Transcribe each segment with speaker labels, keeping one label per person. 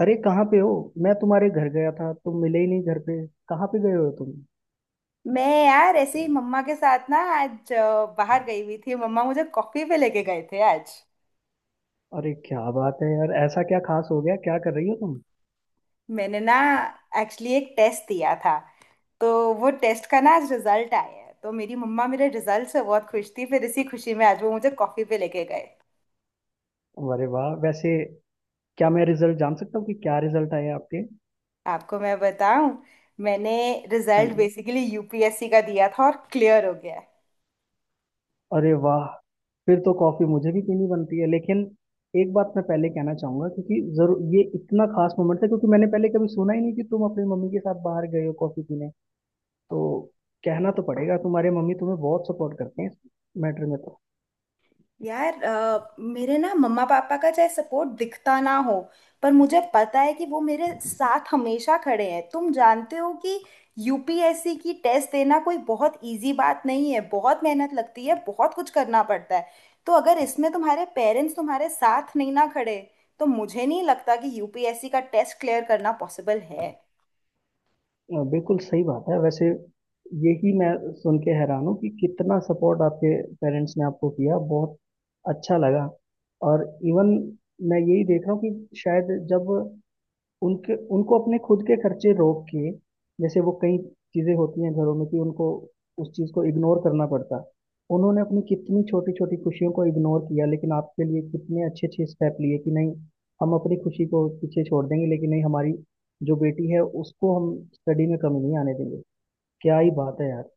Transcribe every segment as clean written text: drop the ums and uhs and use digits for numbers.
Speaker 1: अरे कहाँ पे हो। मैं तुम्हारे घर गया था, तुम मिले ही नहीं घर पे। कहाँ पे गए हो तुम?
Speaker 2: मैं यार ऐसे ही मम्मा के साथ ना आज बाहर गई हुई थी। मम्मा मुझे कॉफी पे लेके गए थे आज।
Speaker 1: अरे क्या बात है यार, ऐसा क्या खास हो गया, क्या कर रही हो तुम?
Speaker 2: मैंने ना एक्चुअली एक टेस्ट दिया था। तो वो टेस्ट का ना आज रिजल्ट आया है। तो मेरी मम्मा मेरे रिजल्ट से बहुत खुश थी। फिर इसी खुशी में आज वो मुझे कॉफी पे लेके गए।
Speaker 1: अरे वाह, वैसे क्या मैं रिजल्ट जान सकता हूँ कि क्या रिजल्ट आए आपके?
Speaker 2: आपको मैं बताऊं, मैंने
Speaker 1: हाँ
Speaker 2: रिजल्ट
Speaker 1: जी।
Speaker 2: बेसिकली यूपीएससी का दिया था और क्लियर हो गया है।
Speaker 1: अरे वाह, फिर तो कॉफी मुझे भी पीनी बनती है। लेकिन एक बात मैं पहले कहना चाहूंगा, क्योंकि जरूर ये इतना खास मोमेंट है क्योंकि मैंने पहले कभी सुना ही नहीं कि तुम अपनी मम्मी के साथ बाहर गए हो कॉफी पीने। तो कहना तो पड़ेगा, तुम्हारे मम्मी तुम्हें बहुत सपोर्ट करते हैं इस मैटर में।
Speaker 2: यार मेरे ना मम्मा पापा का चाहे सपोर्ट दिखता ना हो, पर मुझे पता है कि वो मेरे साथ हमेशा खड़े हैं। तुम जानते हो कि यूपीएससी की टेस्ट देना कोई बहुत इजी बात नहीं है। बहुत मेहनत लगती है, बहुत कुछ करना पड़ता है। तो अगर इसमें तुम्हारे पेरेंट्स तुम्हारे साथ नहीं ना खड़े, तो मुझे नहीं लगता कि यूपीएससी का टेस्ट क्लियर करना पॉसिबल है।
Speaker 1: बिल्कुल सही बात है। वैसे यही मैं सुन के हैरान हूँ कि कितना सपोर्ट आपके पेरेंट्स ने आपको किया। बहुत अच्छा लगा। और इवन मैं यही देख रहा हूँ कि शायद जब उनके उनको अपने खुद के खर्चे रोक के, जैसे वो कई चीजें होती हैं घरों में कि उनको उस चीज को इग्नोर करना पड़ता, उन्होंने अपनी कितनी छोटी छोटी खुशियों को इग्नोर किया लेकिन आपके लिए कितने अच्छे अच्छे स्टेप लिए कि नहीं, हम अपनी खुशी को पीछे छोड़ देंगे लेकिन नहीं, हमारी जो बेटी है उसको हम स्टडी में कमी नहीं आने देंगे। क्या ही बात है यार।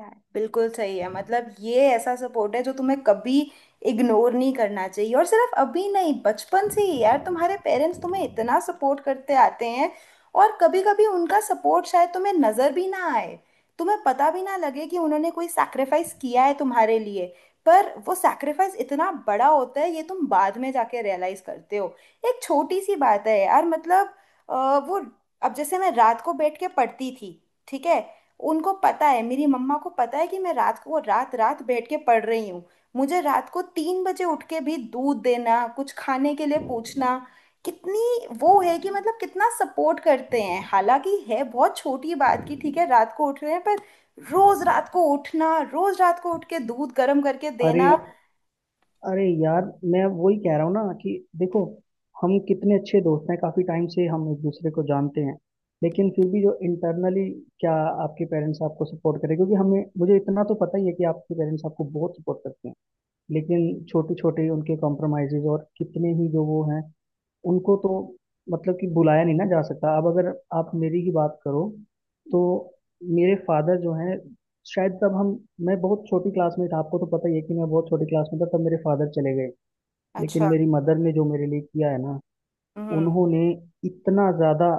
Speaker 2: है। बिल्कुल सही है। मतलब ये ऐसा सपोर्ट है जो तुम्हें कभी इग्नोर नहीं करना चाहिए। और सिर्फ अभी नहीं, बचपन से ही यार तुम्हारे पेरेंट्स तुम्हें इतना सपोर्ट करते आते हैं। और कभी कभी उनका सपोर्ट शायद तुम्हें नजर भी ना आए, तुम्हें पता भी ना लगे कि उन्होंने कोई सैक्रिफाइस किया है तुम्हारे लिए। पर वो सैक्रिफाइस इतना बड़ा होता है, ये तुम बाद में जाके रियलाइज करते हो। एक छोटी सी बात है यार, मतलब अ, वो, अब जैसे मैं रात को बैठ के पढ़ती थी, ठीक है। उनको पता है, मेरी मम्मा को पता है कि मैं रात को रात रात बैठ के पढ़ रही हूँ। मुझे रात को 3 बजे उठ के भी दूध देना, कुछ खाने के लिए पूछना। कितनी वो है कि, मतलब, कितना सपोर्ट करते हैं। हालांकि है बहुत छोटी बात की, ठीक है, रात को उठ रहे हैं, पर। रोज रात को उठना, रोज रात को उठ के दूध गर्म करके
Speaker 1: अरे,
Speaker 2: देना।
Speaker 1: अरे यार, मैं वही कह रहा हूँ ना कि देखो, हम कितने अच्छे दोस्त हैं, काफी टाइम से हम एक दूसरे को जानते हैं लेकिन फिर भी जो इंटरनली क्या आपके पेरेंट्स आपको सपोर्ट करें, क्योंकि हमें मुझे इतना तो पता ही है कि आपके पेरेंट्स आपको बहुत सपोर्ट करते हैं। लेकिन छोटे छोटे उनके कॉम्प्रोमाइजेज और कितने ही जो वो हैं, उनको तो मतलब कि बुलाया नहीं ना जा सकता। अब अगर आप मेरी ही बात करो तो मेरे फादर जो हैं, शायद तब हम, मैं बहुत छोटी क्लास में था, आपको तो पता ही है कि मैं बहुत छोटी क्लास में था तब मेरे फादर चले गए। लेकिन
Speaker 2: अच्छा।
Speaker 1: मेरी मदर ने जो मेरे लिए किया है ना,
Speaker 2: हम्म।
Speaker 1: उन्होंने इतना ज़्यादा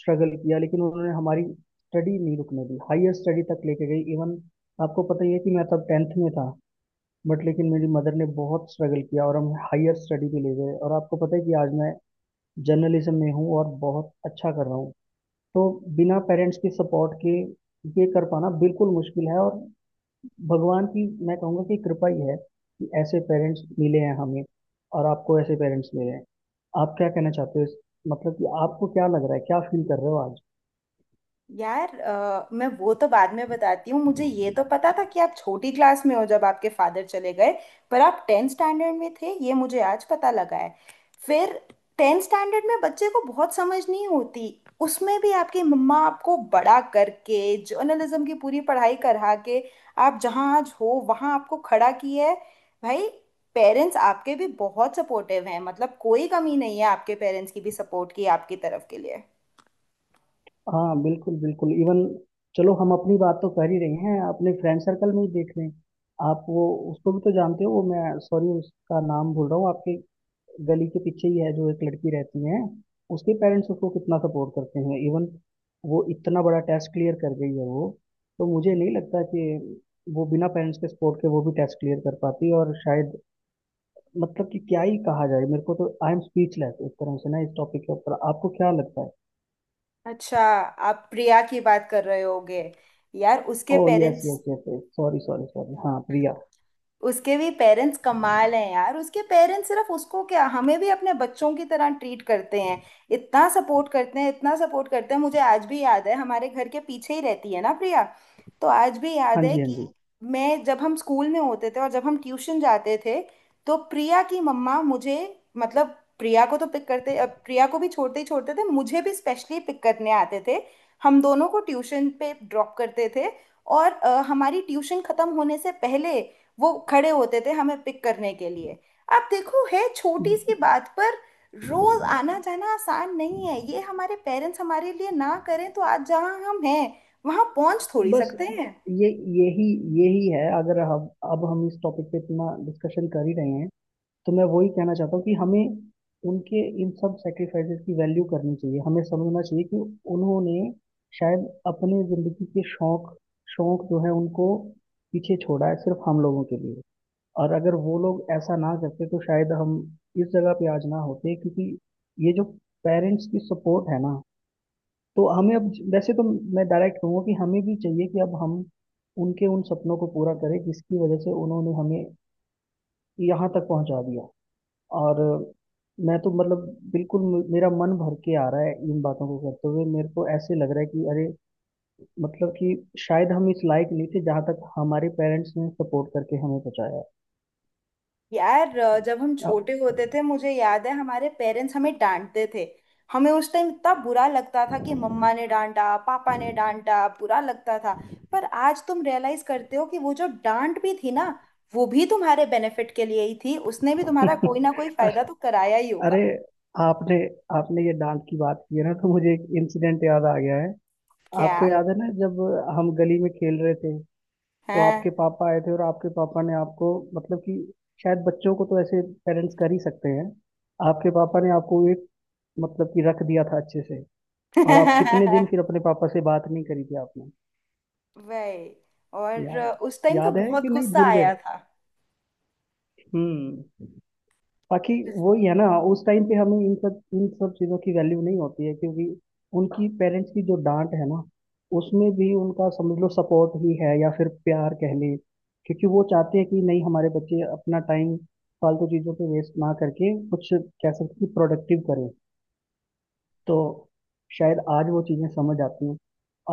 Speaker 1: स्ट्रगल किया लेकिन उन्होंने हमारी स्टडी नहीं रुकने दी, हायर स्टडी तक लेके गई। इवन आपको पता ही है कि मैं तब टेंथ में था। बट लेकिन मेरी मदर ने बहुत स्ट्रगल किया और हम हायर स्टडी पे ले गए और आपको पता है कि आज मैं जर्नलिज्म में हूँ और बहुत अच्छा कर रहा हूँ। तो बिना पेरेंट्स के सपोर्ट के ये कर पाना बिल्कुल मुश्किल है। और भगवान की मैं कहूँगा कि कृपा ही है कि ऐसे पेरेंट्स मिले हैं हमें, और आपको ऐसे पेरेंट्स मिले हैं। आप क्या कहना चाहते हो इस-, मतलब कि आपको क्या लग रहा है, क्या फील कर रहे हो आज?
Speaker 2: यार मैं वो तो बाद में बताती हूँ। मुझे ये तो पता था कि आप छोटी क्लास में हो जब आपके फादर चले गए। पर आप टेंथ स्टैंडर्ड में थे, ये मुझे आज पता लगा है। फिर, टेंथ स्टैंडर्ड में बच्चे को बहुत समझ नहीं होती। उसमें भी आपकी मम्मा आपको बड़ा करके, जर्नलिज्म की पूरी पढ़ाई करा के, आप जहाँ आज हो वहाँ आपको खड़ा किया है। भाई, पेरेंट्स आपके भी बहुत सपोर्टिव हैं। मतलब कोई कमी नहीं है आपके पेरेंट्स की भी सपोर्ट की, आपकी तरफ के लिए।
Speaker 1: हाँ बिल्कुल बिल्कुल। इवन चलो हम अपनी बात तो कर ही रहे हैं, अपने फ्रेंड सर्कल में ही देख लें। आप वो, उसको भी तो जानते हो वो, मैं सॉरी उसका नाम भूल रहा हूँ, आपके गली के पीछे ही है जो एक लड़की रहती है, उसके पेरेंट्स उसको कितना सपोर्ट करते हैं। इवन वो इतना बड़ा टेस्ट क्लियर कर गई है वो। तो मुझे नहीं लगता कि वो बिना पेरेंट्स के सपोर्ट के वो भी टेस्ट क्लियर कर पाती। और शायद, मतलब कि क्या ही कहा जाए, मेरे को तो आई एम स्पीचलेस एक तरह से ना इस टॉपिक के ऊपर। आपको क्या लगता है?
Speaker 2: अच्छा, आप प्रिया की बात कर रहे होगे। यार
Speaker 1: ओ yes yes yes, sorry sorry sorry, हाँ प्रिया।
Speaker 2: उसके भी पेरेंट्स कमाल हैं। यार उसके पेरेंट्स सिर्फ उसको क्या, हमें भी अपने बच्चों की तरह ट्रीट करते हैं। इतना सपोर्ट करते हैं, इतना सपोर्ट करते हैं। मुझे आज भी याद है, हमारे घर के पीछे ही रहती है ना प्रिया। तो आज भी याद
Speaker 1: हाँ
Speaker 2: है
Speaker 1: जी, हाँ
Speaker 2: कि
Speaker 1: जी।
Speaker 2: मैं जब हम स्कूल में होते थे, और जब हम ट्यूशन जाते थे, तो प्रिया की मम्मा मुझे, मतलब प्रिया को तो पिक करते, प्रिया को भी छोड़ते ही छोड़ते थे, मुझे भी स्पेशली पिक करने आते थे। हम दोनों को ट्यूशन पे ड्रॉप करते थे। और हमारी ट्यूशन खत्म होने से पहले वो खड़े होते थे हमें पिक करने के लिए। आप देखो, है छोटी सी बात, पर रोज आना जाना आसान नहीं है। ये हमारे पेरेंट्स हमारे लिए ना करें, तो आज जहाँ हम हैं वहां पहुंच थोड़ी
Speaker 1: बस
Speaker 2: सकते हैं।
Speaker 1: ये, यही, यही है। अगर हम अब हम इस टॉपिक पे इतना डिस्कशन कर ही रहे हैं तो मैं वही कहना चाहता हूँ कि हमें उनके इन सब सेक्रीफाइसेस की वैल्यू करनी चाहिए, हमें समझना चाहिए कि उन्होंने शायद अपनी जिंदगी के शौक शौक जो है उनको पीछे छोड़ा है सिर्फ हम लोगों के लिए। और अगर वो लोग ऐसा ना करते तो शायद हम इस जगह पे आज ना होते, क्योंकि ये जो पेरेंट्स की सपोर्ट है ना, तो हमें अब वैसे तो, मैं डायरेक्ट कहूँगा कि हमें भी चाहिए कि अब हम उनके उन सपनों को पूरा करें जिसकी वजह से उन्होंने हमें यहाँ तक पहुँचा दिया। और मैं तो मतलब बिल्कुल मेरा मन भर के आ रहा है इन बातों को करते हुए, मेरे को ऐसे लग रहा है कि अरे, मतलब कि शायद हम इस लायक नहीं थे जहाँ तक हमारे पेरेंट्स ने सपोर्ट करके हमें पहुँचाया।
Speaker 2: यार जब हम छोटे
Speaker 1: अ-
Speaker 2: होते थे, मुझे याद है हमारे पेरेंट्स हमें डांटते थे। हमें उस टाइम इतना बुरा लगता था कि मम्मा ने डांटा, पापा ने डांटा, बुरा लगता था। पर आज तुम रियलाइज करते हो कि वो जो डांट भी थी ना, वो भी तुम्हारे बेनिफिट के लिए ही थी। उसने भी तुम्हारा कोई ना कोई फायदा तो कराया ही
Speaker 1: अरे,
Speaker 2: होगा।
Speaker 1: आपने आपने ये डांट की बात की है ना, तो मुझे एक इंसिडेंट याद आ गया है।
Speaker 2: क्या?
Speaker 1: आपको याद है ना जब हम गली में खेल रहे थे, तो
Speaker 2: है।
Speaker 1: आपके पापा आए थे और आपके पापा ने आपको, मतलब कि शायद बच्चों को तो ऐसे पेरेंट्स कर ही सकते हैं, आपके पापा ने आपको एक, मतलब कि रख दिया था अच्छे से। और आप कितने दिन फिर अपने पापा से बात नहीं करी थी आपने?
Speaker 2: वही। और
Speaker 1: याद,
Speaker 2: उस टाइम तो
Speaker 1: याद है
Speaker 2: बहुत
Speaker 1: कि नहीं,
Speaker 2: गुस्सा
Speaker 1: भूल गए?
Speaker 2: आया था।
Speaker 1: हम्म। बाकी वही है ना, उस टाइम पे हमें इन सब चीज़ों की वैल्यू नहीं होती है, क्योंकि उनकी पेरेंट्स की जो डांट है ना, उसमें भी उनका समझ लो सपोर्ट ही है, या फिर प्यार कह ले, क्योंकि वो चाहते हैं कि नहीं, हमारे बच्चे अपना टाइम फालतू चीज़ों पे वेस्ट ना करके, कुछ कह सकते हैं कि प्रोडक्टिव करें। तो शायद आज वो चीज़ें समझ आती हैं।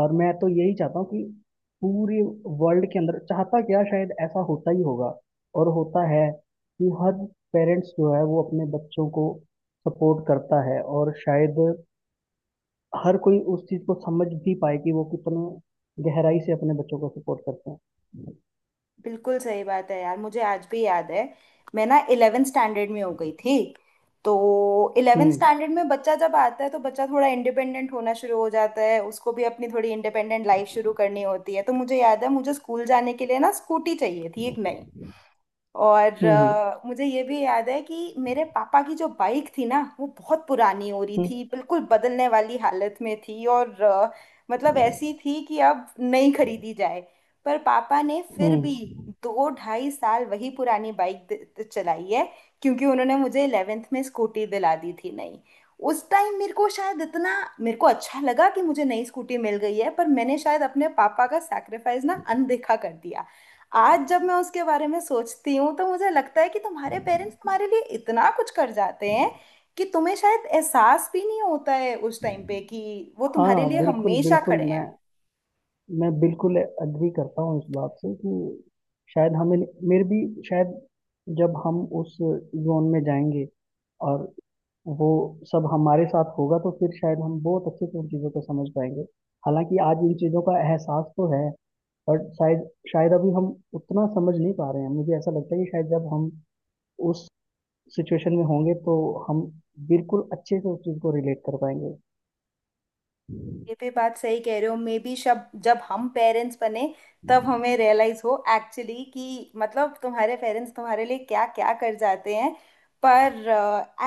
Speaker 1: और मैं तो यही चाहता हूँ कि पूरे वर्ल्ड के अंदर, चाहता क्या शायद ऐसा होता ही होगा और होता है, कि हर पेरेंट्स जो है वो अपने बच्चों को सपोर्ट करता है, और शायद हर कोई उस चीज़ को समझ भी पाए कि वो कितने गहराई से अपने बच्चों को सपोर्ट करते हैं।
Speaker 2: बिल्कुल सही बात है यार। मुझे आज भी याद है, मैं ना इलेवेंथ स्टैंडर्ड में हो गई थी। तो इलेवेंथ
Speaker 1: हम्म
Speaker 2: स्टैंडर्ड में बच्चा जब आता है, तो बच्चा थोड़ा इंडिपेंडेंट होना शुरू हो जाता है। उसको भी अपनी थोड़ी इंडिपेंडेंट लाइफ शुरू करनी होती है। तो मुझे याद है, मुझे स्कूल जाने के लिए ना स्कूटी चाहिए थी, एक नई। और
Speaker 1: हम्म
Speaker 2: मुझे ये भी याद है कि मेरे पापा की जो बाइक थी ना, वो बहुत पुरानी हो रही
Speaker 1: हम्म
Speaker 2: थी, बिल्कुल बदलने वाली हालत में थी। और मतलब ऐसी थी कि अब नहीं खरीदी जाए। पर पापा ने फिर
Speaker 1: हम्म
Speaker 2: भी
Speaker 1: हम्म।
Speaker 2: दो ढाई साल वही पुरानी बाइक चलाई है। क्योंकि उन्होंने मुझे 11th में स्कूटी दिला दी थी, नई। उस टाइम मेरे को अच्छा लगा कि मुझे नई स्कूटी मिल गई है। पर मैंने शायद अपने पापा का सैक्रिफाइस ना अनदेखा कर दिया। आज जब मैं उसके बारे में सोचती हूँ, तो मुझे लगता है कि तुम्हारे पेरेंट्स तुम्हारे लिए इतना कुछ कर जाते हैं, कि तुम्हें शायद एहसास भी नहीं होता है उस टाइम पे कि वो तुम्हारे
Speaker 1: हाँ
Speaker 2: लिए
Speaker 1: बिल्कुल
Speaker 2: हमेशा
Speaker 1: बिल्कुल।
Speaker 2: खड़े हैं।
Speaker 1: मैं बिल्कुल अग्री करता हूँ इस बात से कि शायद हमें, मेरे भी शायद, जब हम उस जोन में जाएंगे और वो सब हमारे साथ होगा तो फिर शायद हम बहुत अच्छे से उन चीज़ों को समझ पाएंगे। हालांकि आज इन चीज़ों का एहसास तो है, बट शायद, शायद अभी हम उतना समझ नहीं पा रहे हैं। मुझे ऐसा लगता है कि शायद जब हम उस सिचुएशन में होंगे तो हम बिल्कुल अच्छे से उस चीज़ को रिलेट कर पाएंगे।
Speaker 2: ये भी बात सही कह रहे हो। मे बी शब जब हम पेरेंट्स बने, तब हमें रियलाइज हो एक्चुअली कि, मतलब, तुम्हारे पेरेंट्स तुम्हारे लिए क्या क्या कर जाते हैं। पर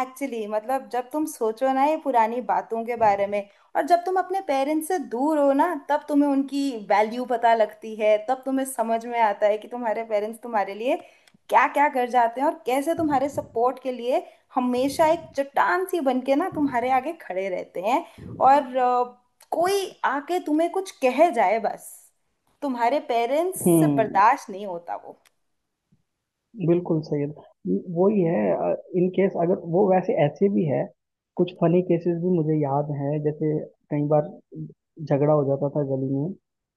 Speaker 2: एक्चुअली मतलब, जब तुम सोचो ना ये पुरानी बातों के बारे में, और जब तुम अपने पेरेंट्स से दूर हो ना, तब तुम्हें उनकी वैल्यू पता लगती है। तब तुम्हें समझ में आता है कि तुम्हारे पेरेंट्स तुम्हारे लिए क्या क्या कर जाते हैं, और कैसे तुम्हारे सपोर्ट के लिए हमेशा एक चट्टान सी बन के ना तुम्हारे आगे खड़े रहते हैं। और कोई आके तुम्हें कुछ कह जाए, बस तुम्हारे पेरेंट्स से
Speaker 1: हम्म,
Speaker 2: बर्दाश्त नहीं होता वो।
Speaker 1: बिल्कुल सही है। वही है। इन केस अगर वो, वैसे ऐसे भी है कुछ फनी केसेस भी मुझे याद हैं। जैसे कई बार झगड़ा हो जाता था गली में,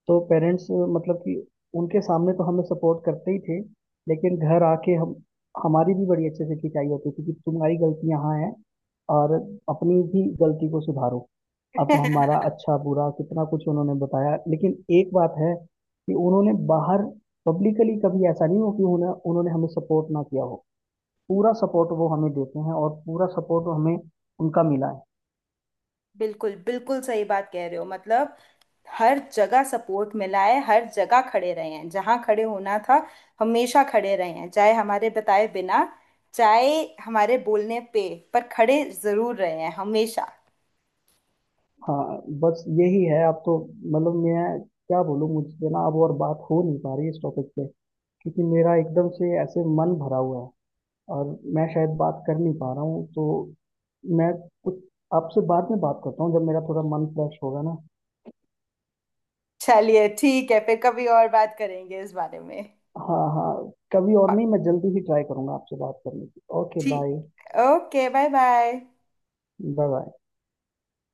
Speaker 1: तो पेरेंट्स मतलब कि उनके सामने तो हमें सपोर्ट करते ही थे, लेकिन घर आके हम, हमारी भी बड़ी अच्छे से खिंचाई होती थी कि तुम्हारी गलती यहाँ है, और अपनी भी गलती को सुधारो। अब हमारा अच्छा बुरा कितना कुछ उन्होंने बताया, लेकिन एक बात है कि उन्होंने बाहर पब्लिकली कभी ऐसा नहीं हो कि उन्हें उन्होंने हमें सपोर्ट ना किया हो। पूरा सपोर्ट वो हमें देते हैं और पूरा सपोर्ट हमें उनका मिला है।
Speaker 2: बिल्कुल, बिल्कुल सही बात कह रहे हो, मतलब, हर जगह सपोर्ट मिला है, हर जगह खड़े रहे हैं जहाँ खड़े होना था। हमेशा खड़े रहे हैं, चाहे हमारे बताए बिना, चाहे हमारे बोलने पे, पर खड़े जरूर रहे हैं हमेशा।
Speaker 1: हाँ, बस यही है अब तो। मतलब मैं क्या बोलूँ, मुझसे ना अब और बात हो नहीं पा रही इस टॉपिक पे, क्योंकि मेरा एकदम से ऐसे मन भरा हुआ है और मैं शायद बात कर नहीं पा रहा हूँ। तो मैं कुछ आपसे बाद में बात करता हूँ, जब मेरा थोड़ा मन फ्रेश होगा ना।
Speaker 2: चलिए ठीक है, फिर कभी और बात करेंगे इस बारे में।
Speaker 1: हाँ हाँ, कभी और नहीं, मैं जल्दी ही ट्राई करूंगा आपसे बात करने की। Okay bye.
Speaker 2: ठीक। Okay, bye bye.
Speaker 1: Bye bye.